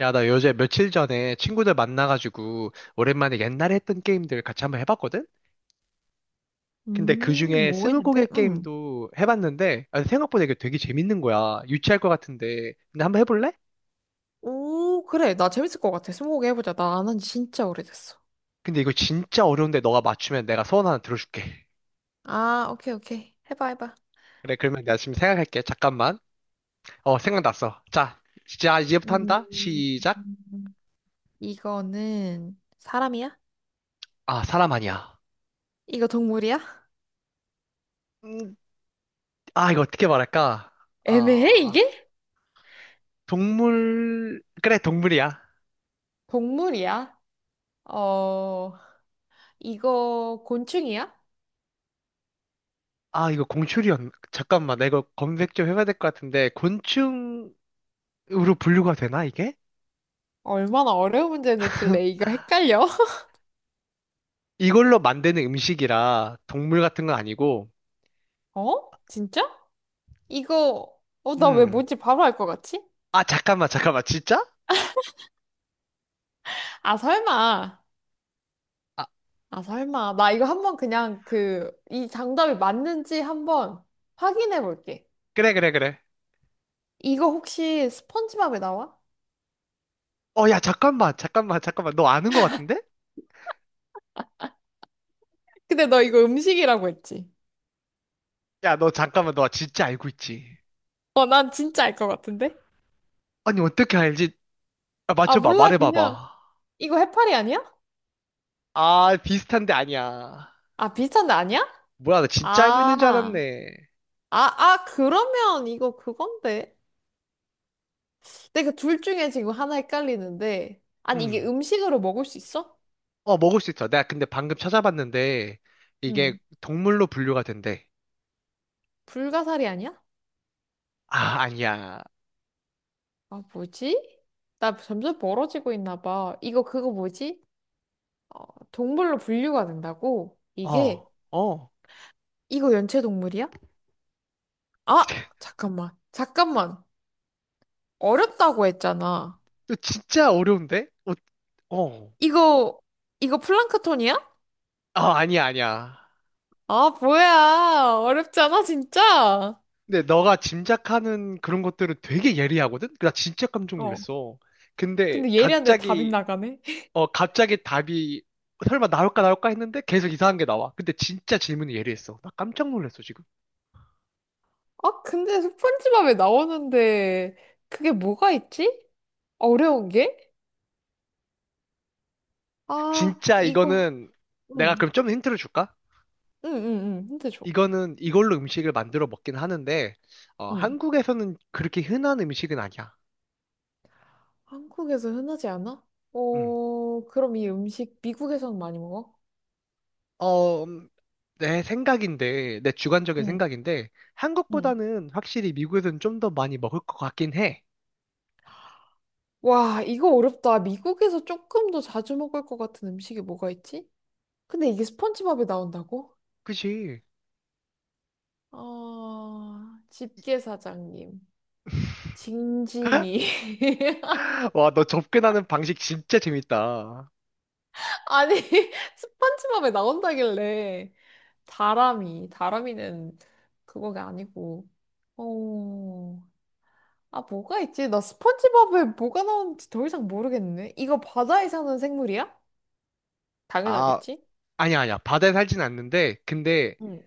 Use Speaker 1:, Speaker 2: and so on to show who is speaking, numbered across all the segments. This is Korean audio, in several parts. Speaker 1: 야, 나 요새 며칠 전에 친구들 만나가지고 오랜만에 옛날에 했던 게임들 같이 한번 해봤거든? 근데 그 중에
Speaker 2: 뭐
Speaker 1: 스무고개
Speaker 2: 했는데? 응.
Speaker 1: 게임도 해봤는데 아, 생각보다 이게 되게 재밌는 거야. 유치할 것 같은데. 근데 한번 해볼래?
Speaker 2: 오, 그래. 나 재밌을 것 같아. 스무고개 해보자. 나 안 한 지 진짜 오래됐어.
Speaker 1: 근데 이거 진짜 어려운데 너가 맞추면 내가 소원 하나 들어줄게.
Speaker 2: 아, 오케이, 오케이. 해봐, 해봐.
Speaker 1: 그래, 그러면 내가 지금 생각할게. 잠깐만. 어, 생각났어. 자, 진짜 이제부터 한다.
Speaker 2: 음,
Speaker 1: 시작.
Speaker 2: 이거는 사람이야?
Speaker 1: 아, 사람 아니야.
Speaker 2: 이거 동물이야?
Speaker 1: 음, 아, 이거 어떻게 말할까?
Speaker 2: 애매해,
Speaker 1: 아,
Speaker 2: 이게?
Speaker 1: 동물, 그래, 동물이야.
Speaker 2: 동물이야? 어, 이거 곤충이야?
Speaker 1: 아, 이거 잠깐만, 나 이거 검색 좀 해봐야 될 것 같은데, 곤충으로 분류가 되나, 이게?
Speaker 2: 얼마나 어려운 문제 냈길래 이거 헷갈려?
Speaker 1: 이걸로 만드는 음식이라 동물 같은 건 아니고,
Speaker 2: 어? 진짜? 이거, 어, 나 왜
Speaker 1: 음.
Speaker 2: 뭔지 바로 알 것 같지?
Speaker 1: 아, 잠깐만, 잠깐만, 진짜?
Speaker 2: 아, 설마.
Speaker 1: 아,
Speaker 2: 아, 설마. 나 이거 한번 그냥 그, 이 정답이 맞는지 한번 확인해 볼게.
Speaker 1: 그래, 그래, 그래.
Speaker 2: 이거 혹시 스펀지밥에 나와?
Speaker 1: 어, 야, 잠깐만, 잠깐만, 잠깐만, 너 아는 것 같은데?
Speaker 2: 근데 너 이거 음식이라고 했지?
Speaker 1: 야, 너 잠깐만, 너 진짜 알고 있지?
Speaker 2: 어, 난 진짜 알 것 같은데?
Speaker 1: 아니, 어떻게 알지? 아,
Speaker 2: 아,
Speaker 1: 맞춰봐,
Speaker 2: 몰라. 그냥,
Speaker 1: 말해봐봐.
Speaker 2: 이거 해파리 아니야?
Speaker 1: 아, 비슷한데 아니야.
Speaker 2: 아, 비슷한데 아니야?
Speaker 1: 뭐야, 나 진짜 알고 있는 줄
Speaker 2: 아,
Speaker 1: 알았네.
Speaker 2: 아, 그러면 이거 그건데. 내가 둘 중에 지금 하나 헷갈리는데. 아니, 이게
Speaker 1: 음.
Speaker 2: 음식으로 먹을 수 있어?
Speaker 1: 어, 먹을 수 있어. 내가 근데 방금 찾아봤는데, 이게
Speaker 2: 응.
Speaker 1: 동물로 분류가 된대.
Speaker 2: 불가사리 아니야?
Speaker 1: 아, 아니야.
Speaker 2: 아, 뭐지? 나 점점 멀어지고 있나 봐. 이거 그거 뭐지? 어, 동물로 분류가 된다고?
Speaker 1: 어,
Speaker 2: 이게,
Speaker 1: 어.
Speaker 2: 이거 연체동물이야? 아! 잠깐만. 잠깐만. 어렵다고 했잖아.
Speaker 1: 너 진짜 어려운데? 어, 어.
Speaker 2: 이거, 이거 플랑크톤이야?
Speaker 1: 아, 아니야, 아니야.
Speaker 2: 아, 뭐야. 어렵잖아, 진짜.
Speaker 1: 근데 너가 짐작하는 그런 것들은 되게 예리하거든? 나 진짜 깜짝
Speaker 2: 어.
Speaker 1: 놀랐어. 근데
Speaker 2: 근데 예리한데 답이
Speaker 1: 갑자기,
Speaker 2: 나가네.
Speaker 1: 갑자기 답이 설마 나올까 나올까 했는데 계속 이상한 게 나와. 근데 진짜 질문이 예리했어. 나 깜짝 놀랐어, 지금.
Speaker 2: 아, 근데 스폰지밥에 나오는데 그게 뭐가 있지? 어려운 게? 아,
Speaker 1: 진짜
Speaker 2: 이거.
Speaker 1: 이거는 내가
Speaker 2: 응,
Speaker 1: 그럼 좀 힌트를 줄까?
Speaker 2: 응, 응, 응. 힌트 줘.
Speaker 1: 이거는 이걸로 음식을 만들어 먹긴 하는데 어,
Speaker 2: 응.
Speaker 1: 한국에서는 그렇게 흔한 음식은 아니야.
Speaker 2: 한국에서 흔하지 않아?
Speaker 1: 음.
Speaker 2: 어, 그럼 이 음식 미국에서는 많이 먹어?
Speaker 1: 어, 음, 내 주관적인
Speaker 2: 응,
Speaker 1: 생각인데
Speaker 2: 응.
Speaker 1: 한국보다는 확실히 미국에서는 좀 더 많이 먹을 것 같긴 해.
Speaker 2: 와, 이거 어렵다. 미국에서 조금 더 자주 먹을 것 같은 음식이 뭐가 있지? 근데 이게 스펀지밥에 나온다고?
Speaker 1: 그치?
Speaker 2: 아, 집게 사장님. 징징이.
Speaker 1: 와, 너 접근하는 방식 진짜 재밌다.
Speaker 2: 아니, 스펀지밥에 나온다길래. 다람이. 다람이는 그거가 아니고. 어. 아, 뭐가 있지? 나 스펀지밥에 뭐가 나오는지 더 이상 모르겠네. 이거 바다에 사는 생물이야?
Speaker 1: 아,
Speaker 2: 당연하겠지?
Speaker 1: 아니야, 아니야. 바다에 살진 않는데, 근데
Speaker 2: 응.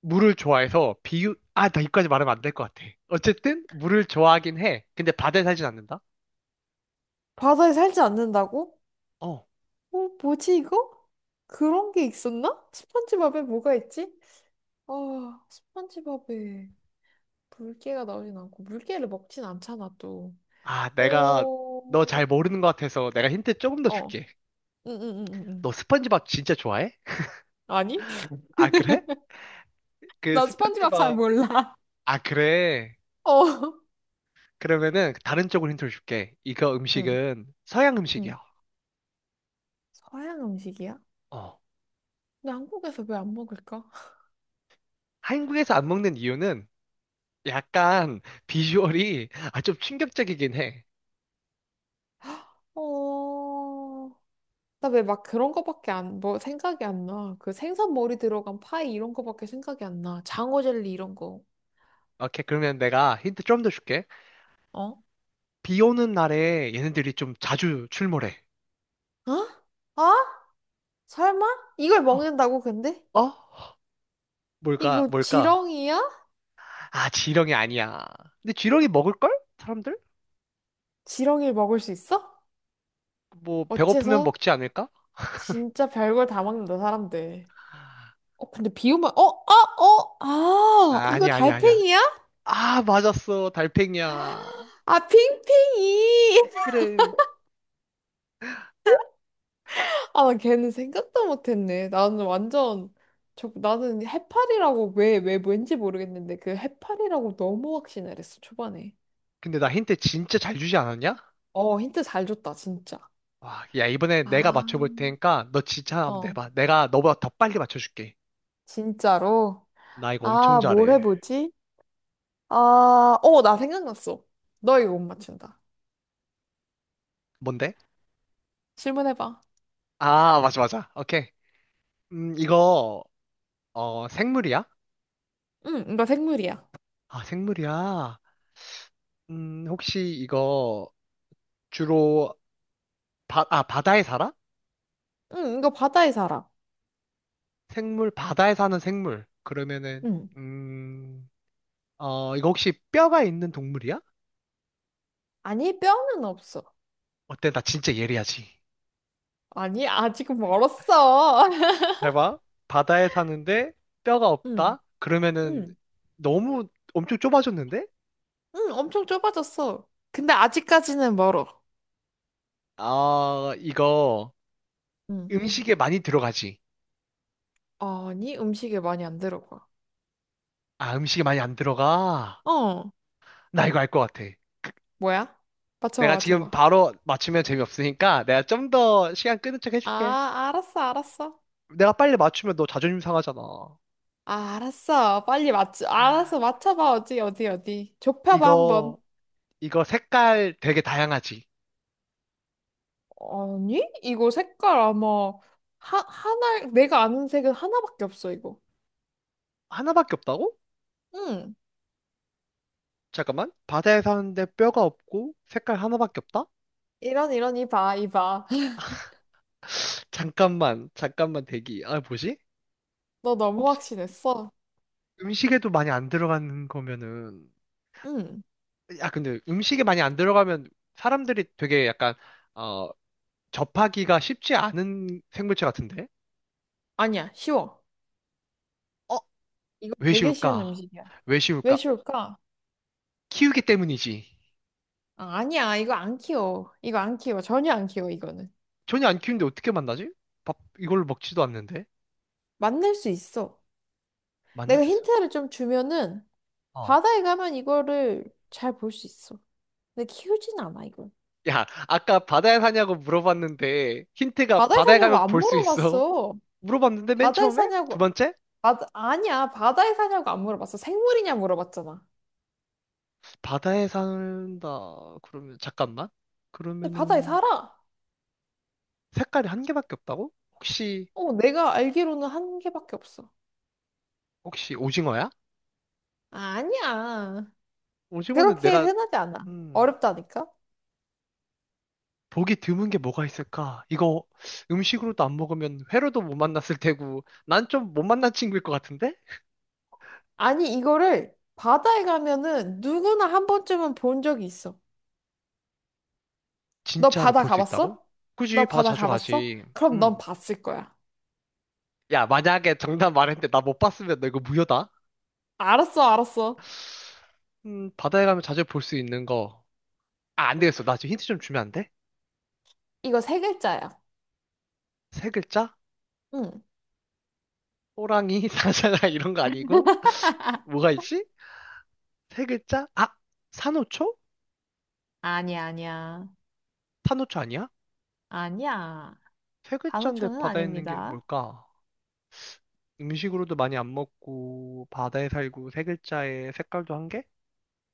Speaker 1: 물을 좋아해서 아, 나 이까지 말하면 안 될 것 같아. 어쨌든 물을 좋아하긴 해. 근데 바다에 살진 않는다?
Speaker 2: 바다에 살지 않는다고?
Speaker 1: 어.
Speaker 2: 어, 뭐지 이거? 그런 게 있었나? 스펀지밥에 뭐가 있지? 아, 스펀지밥에 물개가 나오진 않고 물개를 먹진 않잖아 또.
Speaker 1: 아, 내가
Speaker 2: 어,
Speaker 1: 너 잘 모르는 것 같아서 내가 힌트 조금 더
Speaker 2: 어,
Speaker 1: 줄게.
Speaker 2: 응응응응.
Speaker 1: 너 스펀지밥 진짜 좋아해?
Speaker 2: 아니?
Speaker 1: 아, 그래? 그
Speaker 2: 나 스펀지밥 잘
Speaker 1: 스펀지밥.
Speaker 2: 몰라.
Speaker 1: 아, 그래.
Speaker 2: 어.
Speaker 1: 그러면은 다른 쪽으로 힌트를 줄게. 이거
Speaker 2: 응.
Speaker 1: 음식은 서양
Speaker 2: 응.
Speaker 1: 음식이야.
Speaker 2: 서양 음식이야?
Speaker 1: 어.
Speaker 2: 근데 한국에서 왜 안 먹을까?
Speaker 1: 한국에서 안 먹는 이유는 약간 비주얼이 아, 좀 충격적이긴 해.
Speaker 2: 어, 나 왜 막 그런 거밖에 안, 뭐 생각이 안 나. 그 생선 머리 들어간 파이 이런 거밖에 생각이 안 나. 장어 젤리 이런 거.
Speaker 1: 오케이, 그러면 내가 힌트 좀 더 줄게.
Speaker 2: 어?
Speaker 1: 비 오는 날에 얘네들이 좀 자주 출몰해.
Speaker 2: 어? 어? 설마? 이걸
Speaker 1: 어?
Speaker 2: 먹는다고 근데?
Speaker 1: 어? 뭘까?
Speaker 2: 이거
Speaker 1: 뭘까?
Speaker 2: 지렁이야?
Speaker 1: 아, 지렁이 아니야. 근데 지렁이 먹을걸? 사람들?
Speaker 2: 지렁이를 먹을 수 있어?
Speaker 1: 뭐 배고프면
Speaker 2: 어째서?
Speaker 1: 먹지 않을까?
Speaker 2: 진짜 별걸 다 먹는다 사람들. 어 근데 비오면 어? 아 어? 아 이거
Speaker 1: 아니 아니 아니야. 아니야.
Speaker 2: 달팽이야?
Speaker 1: 아 맞았어 달팽이야.
Speaker 2: 아 핑핑이
Speaker 1: 그래.
Speaker 2: 아, 나 걔는 생각도 못했네. 나는 완전, 저, 나는 해파리라고 왜, 왜 왠지 모르겠는데 그 해파리라고 너무 확신을 했어, 초반에.
Speaker 1: 근데 나 힌트 진짜 잘 주지 않았냐?
Speaker 2: 어, 힌트 잘 줬다, 진짜.
Speaker 1: 와, 야 이번에 내가
Speaker 2: 아,
Speaker 1: 맞춰볼 테니까 너 진짜 한번
Speaker 2: 어,
Speaker 1: 내봐. 내가 너보다 더 빨리 맞춰줄게.
Speaker 2: 진짜로?
Speaker 1: 나 이거 엄청
Speaker 2: 아, 뭘
Speaker 1: 잘해.
Speaker 2: 해보지? 아, 어, 나 생각났어. 너 이거 못 맞춘다.
Speaker 1: 뭔데?
Speaker 2: 질문해봐.
Speaker 1: 아 맞아 맞아. 오케이. 이거 어 생물이야?
Speaker 2: 응, 이거 생물이야.
Speaker 1: 아 생물이야. 혹시 이거 주로 아 바다에 살아?
Speaker 2: 응, 이거 바다에 살아.
Speaker 1: 생물 바다에 사는 생물. 그러면은
Speaker 2: 응.
Speaker 1: 음.. 어, 이거 혹시 뼈가 있는 동물이야?
Speaker 2: 아니, 뼈는 없어.
Speaker 1: 어때? 나 진짜 예리하지.
Speaker 2: 아니, 아직 멀었어.
Speaker 1: 잘 봐. 바다에 사는데 뼈가
Speaker 2: 응,
Speaker 1: 없다? 그러면은
Speaker 2: 응.
Speaker 1: 너무 엄청 좁아졌는데?
Speaker 2: 응, 엄청 좁아졌어. 근데 아직까지는 멀어.
Speaker 1: 아, 이거
Speaker 2: 응.
Speaker 1: 음식에 많이 들어가지.
Speaker 2: 아니, 음식에 많이 안 들어가.
Speaker 1: 아, 음식에 많이 안 들어가.
Speaker 2: 어,
Speaker 1: 나 이거 알 것 같아.
Speaker 2: 뭐야? 맞춰봐,
Speaker 1: 내가 지금
Speaker 2: 맞춰봐.
Speaker 1: 바로 맞추면 재미없으니까 내가 좀 더 시간 끄는 척 해줄게.
Speaker 2: 아, 알았어, 알았어.
Speaker 1: 내가 빨리 맞추면 너 자존심 상하잖아.
Speaker 2: 아, 알았어. 빨리 맞춰. 알았어, 맞춰봐. 어디, 어디, 어디. 좁혀봐,
Speaker 1: 이거,
Speaker 2: 한번.
Speaker 1: 이거 색깔 되게 다양하지.
Speaker 2: 아니, 이거 색깔 아마 하나, 내가 아는 색은 하나밖에 없어, 이거.
Speaker 1: 하나밖에 없다고?
Speaker 2: 응.
Speaker 1: 잠깐만. 바다에 사는데 뼈가 없고 색깔 하나밖에 없다?
Speaker 2: 이런, 이런, 이봐, 이봐.
Speaker 1: 잠깐만, 잠깐만 대기. 아, 뭐지?
Speaker 2: 너 너무
Speaker 1: 혹시
Speaker 2: 확신했어.
Speaker 1: 음식에도 많이 안 들어가는 거면은,
Speaker 2: 응.
Speaker 1: 야, 근데 음식에 많이 안 들어가면 사람들이 되게 약간, 어, 접하기가 쉽지 않은 생물체 같은데?
Speaker 2: 아니야, 쉬워.
Speaker 1: 어?
Speaker 2: 이거
Speaker 1: 왜
Speaker 2: 되게 쉬운
Speaker 1: 쉬울까?
Speaker 2: 음식이야.
Speaker 1: 왜
Speaker 2: 왜
Speaker 1: 쉬울까?
Speaker 2: 쉬울까?
Speaker 1: 키우기 때문이지.
Speaker 2: 아, 아니야, 이거 안 키워. 전혀 안 키워, 이거는.
Speaker 1: 전혀 안 키우는데 어떻게 만나지? 밥, 이걸 로 먹지도 않는데?
Speaker 2: 만날 수 있어.
Speaker 1: 만날
Speaker 2: 내가
Speaker 1: 수,
Speaker 2: 힌트를 좀 주면은
Speaker 1: 어.
Speaker 2: 바다에 가면 이거를 잘 볼 수 있어. 근데 키우진 않아, 이걸.
Speaker 1: 야, 아까 바다에 사냐고 물어봤는데, 힌트가
Speaker 2: 바다에
Speaker 1: 바다에
Speaker 2: 사냐고
Speaker 1: 가면
Speaker 2: 안
Speaker 1: 볼 수 있어.
Speaker 2: 물어봤어.
Speaker 1: 물어봤는데 맨
Speaker 2: 바다에
Speaker 1: 처음에 두
Speaker 2: 사냐고.
Speaker 1: 번째
Speaker 2: 바다, 아니야, 바다에 사냐고 안 물어봤어. 생물이냐 물어봤잖아.
Speaker 1: 바다에 산다 그러면 잠깐만
Speaker 2: 근데 바다에
Speaker 1: 그러면은
Speaker 2: 살아.
Speaker 1: 색깔이 한 개밖에 없다고? 혹시
Speaker 2: 어, 내가 알기로는 한 개밖에 없어.
Speaker 1: 혹시 오징어야?
Speaker 2: 아, 아니야.
Speaker 1: 오징어는
Speaker 2: 그렇게
Speaker 1: 내가
Speaker 2: 흔하지 않아.
Speaker 1: 음
Speaker 2: 어렵다니까?
Speaker 1: 보기 드문 게 뭐가 있을까? 이거 음식으로도 안 먹으면 회로도 못 만났을 테고 난 좀 못 만난 친구일 것 같은데
Speaker 2: 아니, 이거를 바다에 가면은 누구나 한 번쯤은 본 적이 있어. 너
Speaker 1: 진짜로
Speaker 2: 바다
Speaker 1: 볼 수 있다고?
Speaker 2: 가봤어?
Speaker 1: 굳이
Speaker 2: 너
Speaker 1: 바다
Speaker 2: 바다
Speaker 1: 자주
Speaker 2: 가봤어?
Speaker 1: 가지.
Speaker 2: 그럼 넌
Speaker 1: 음.
Speaker 2: 봤을 거야.
Speaker 1: 야, 만약에 정답 말했는데 나 못 봤으면 너 이거 무효다.
Speaker 2: 알았어, 알았어.
Speaker 1: 바다에 가면 자주 볼 수 있는 거. 아, 안 되겠어. 나 지금 힌트 좀 주면 안 돼?
Speaker 2: 이거 세 글자야.
Speaker 1: 세 글자?
Speaker 2: 응.
Speaker 1: 호랑이, 사자가 이런 거 아니고 뭐가 있지? 세 글자? 아, 산호초?
Speaker 2: 아니야, 아니야.
Speaker 1: 산호초 아니야?
Speaker 2: 아니야.
Speaker 1: 세 글자인데
Speaker 2: 단어초는
Speaker 1: 바다에 있는 게
Speaker 2: 아닙니다.
Speaker 1: 뭘까? 음식으로도 많이 안 먹고 바다에 살고 세 글자에 색깔도 한 개?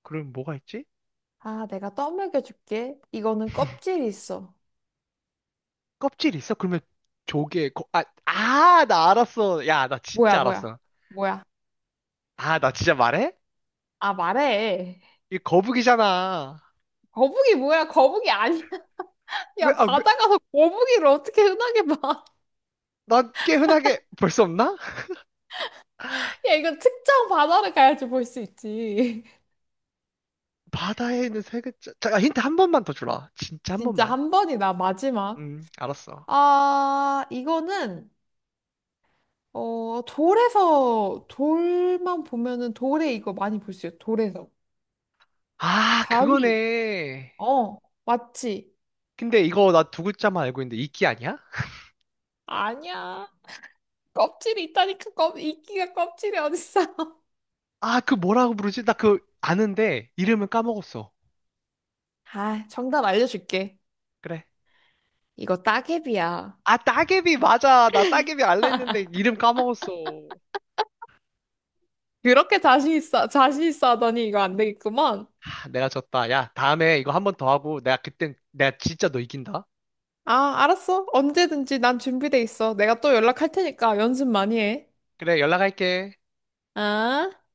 Speaker 1: 그럼 뭐가 있지?
Speaker 2: 아, 내가 떠먹여 줄게. 이거는 껍질이 있어.
Speaker 1: 껍질 있어? 그러면 조개 거, 아, 아, 나 알았어. 야, 나
Speaker 2: 뭐야,
Speaker 1: 진짜
Speaker 2: 뭐야,
Speaker 1: 알았어.
Speaker 2: 뭐야.
Speaker 1: 아, 나 진짜 말해?
Speaker 2: 아, 말해.
Speaker 1: 이 거북이잖아.
Speaker 2: 거북이 뭐야? 거북이 아니야. 야,
Speaker 1: 왜,
Speaker 2: 바다 가서 거북이를 어떻게 흔하게 봐.
Speaker 1: 난 꽤 흔하게 볼 수 없나?
Speaker 2: 야, 이건 특정 바다를 가야지 볼 수 있지.
Speaker 1: 바다에 있는 세 글자. 자, 힌트 한 번만 더 주라. 진짜 한
Speaker 2: 진짜
Speaker 1: 번만.
Speaker 2: 한 번이다, 마지막.
Speaker 1: 알았어.
Speaker 2: 아, 이거는 어, 돌에서, 돌만 보면은 돌에 이거 많이 볼 수 있어. 돌에서.
Speaker 1: 아,
Speaker 2: 바위.
Speaker 1: 그거네.
Speaker 2: 어, 맞지?
Speaker 1: 근데 이거 나 두 글자만 알고 있는데 이끼 아니야?
Speaker 2: 아니야. 껍질이 있다니까, 껍, 이끼가 껍질이 어딨어.
Speaker 1: 아, 그 뭐라고 부르지? 나 그 아는데 이름은 까먹었어.
Speaker 2: 아, 정답 알려줄게.
Speaker 1: 그래.
Speaker 2: 이거 따개비야.
Speaker 1: 아, 따개비 맞아. 나 따개비 알라 했는데 이름 까먹었어.
Speaker 2: 그렇게 자신 있어, 자신 있어 하더니 이거 안 되겠구만.
Speaker 1: 아, 내가 졌다. 야, 다음에 이거 한 번 더 하고 내가 그땐 내가 진짜 너 이긴다.
Speaker 2: 아, 알았어. 언제든지 난 준비돼 있어. 내가 또 연락할 테니까 연습 많이 해.
Speaker 1: 그래, 연락할게.
Speaker 2: 아.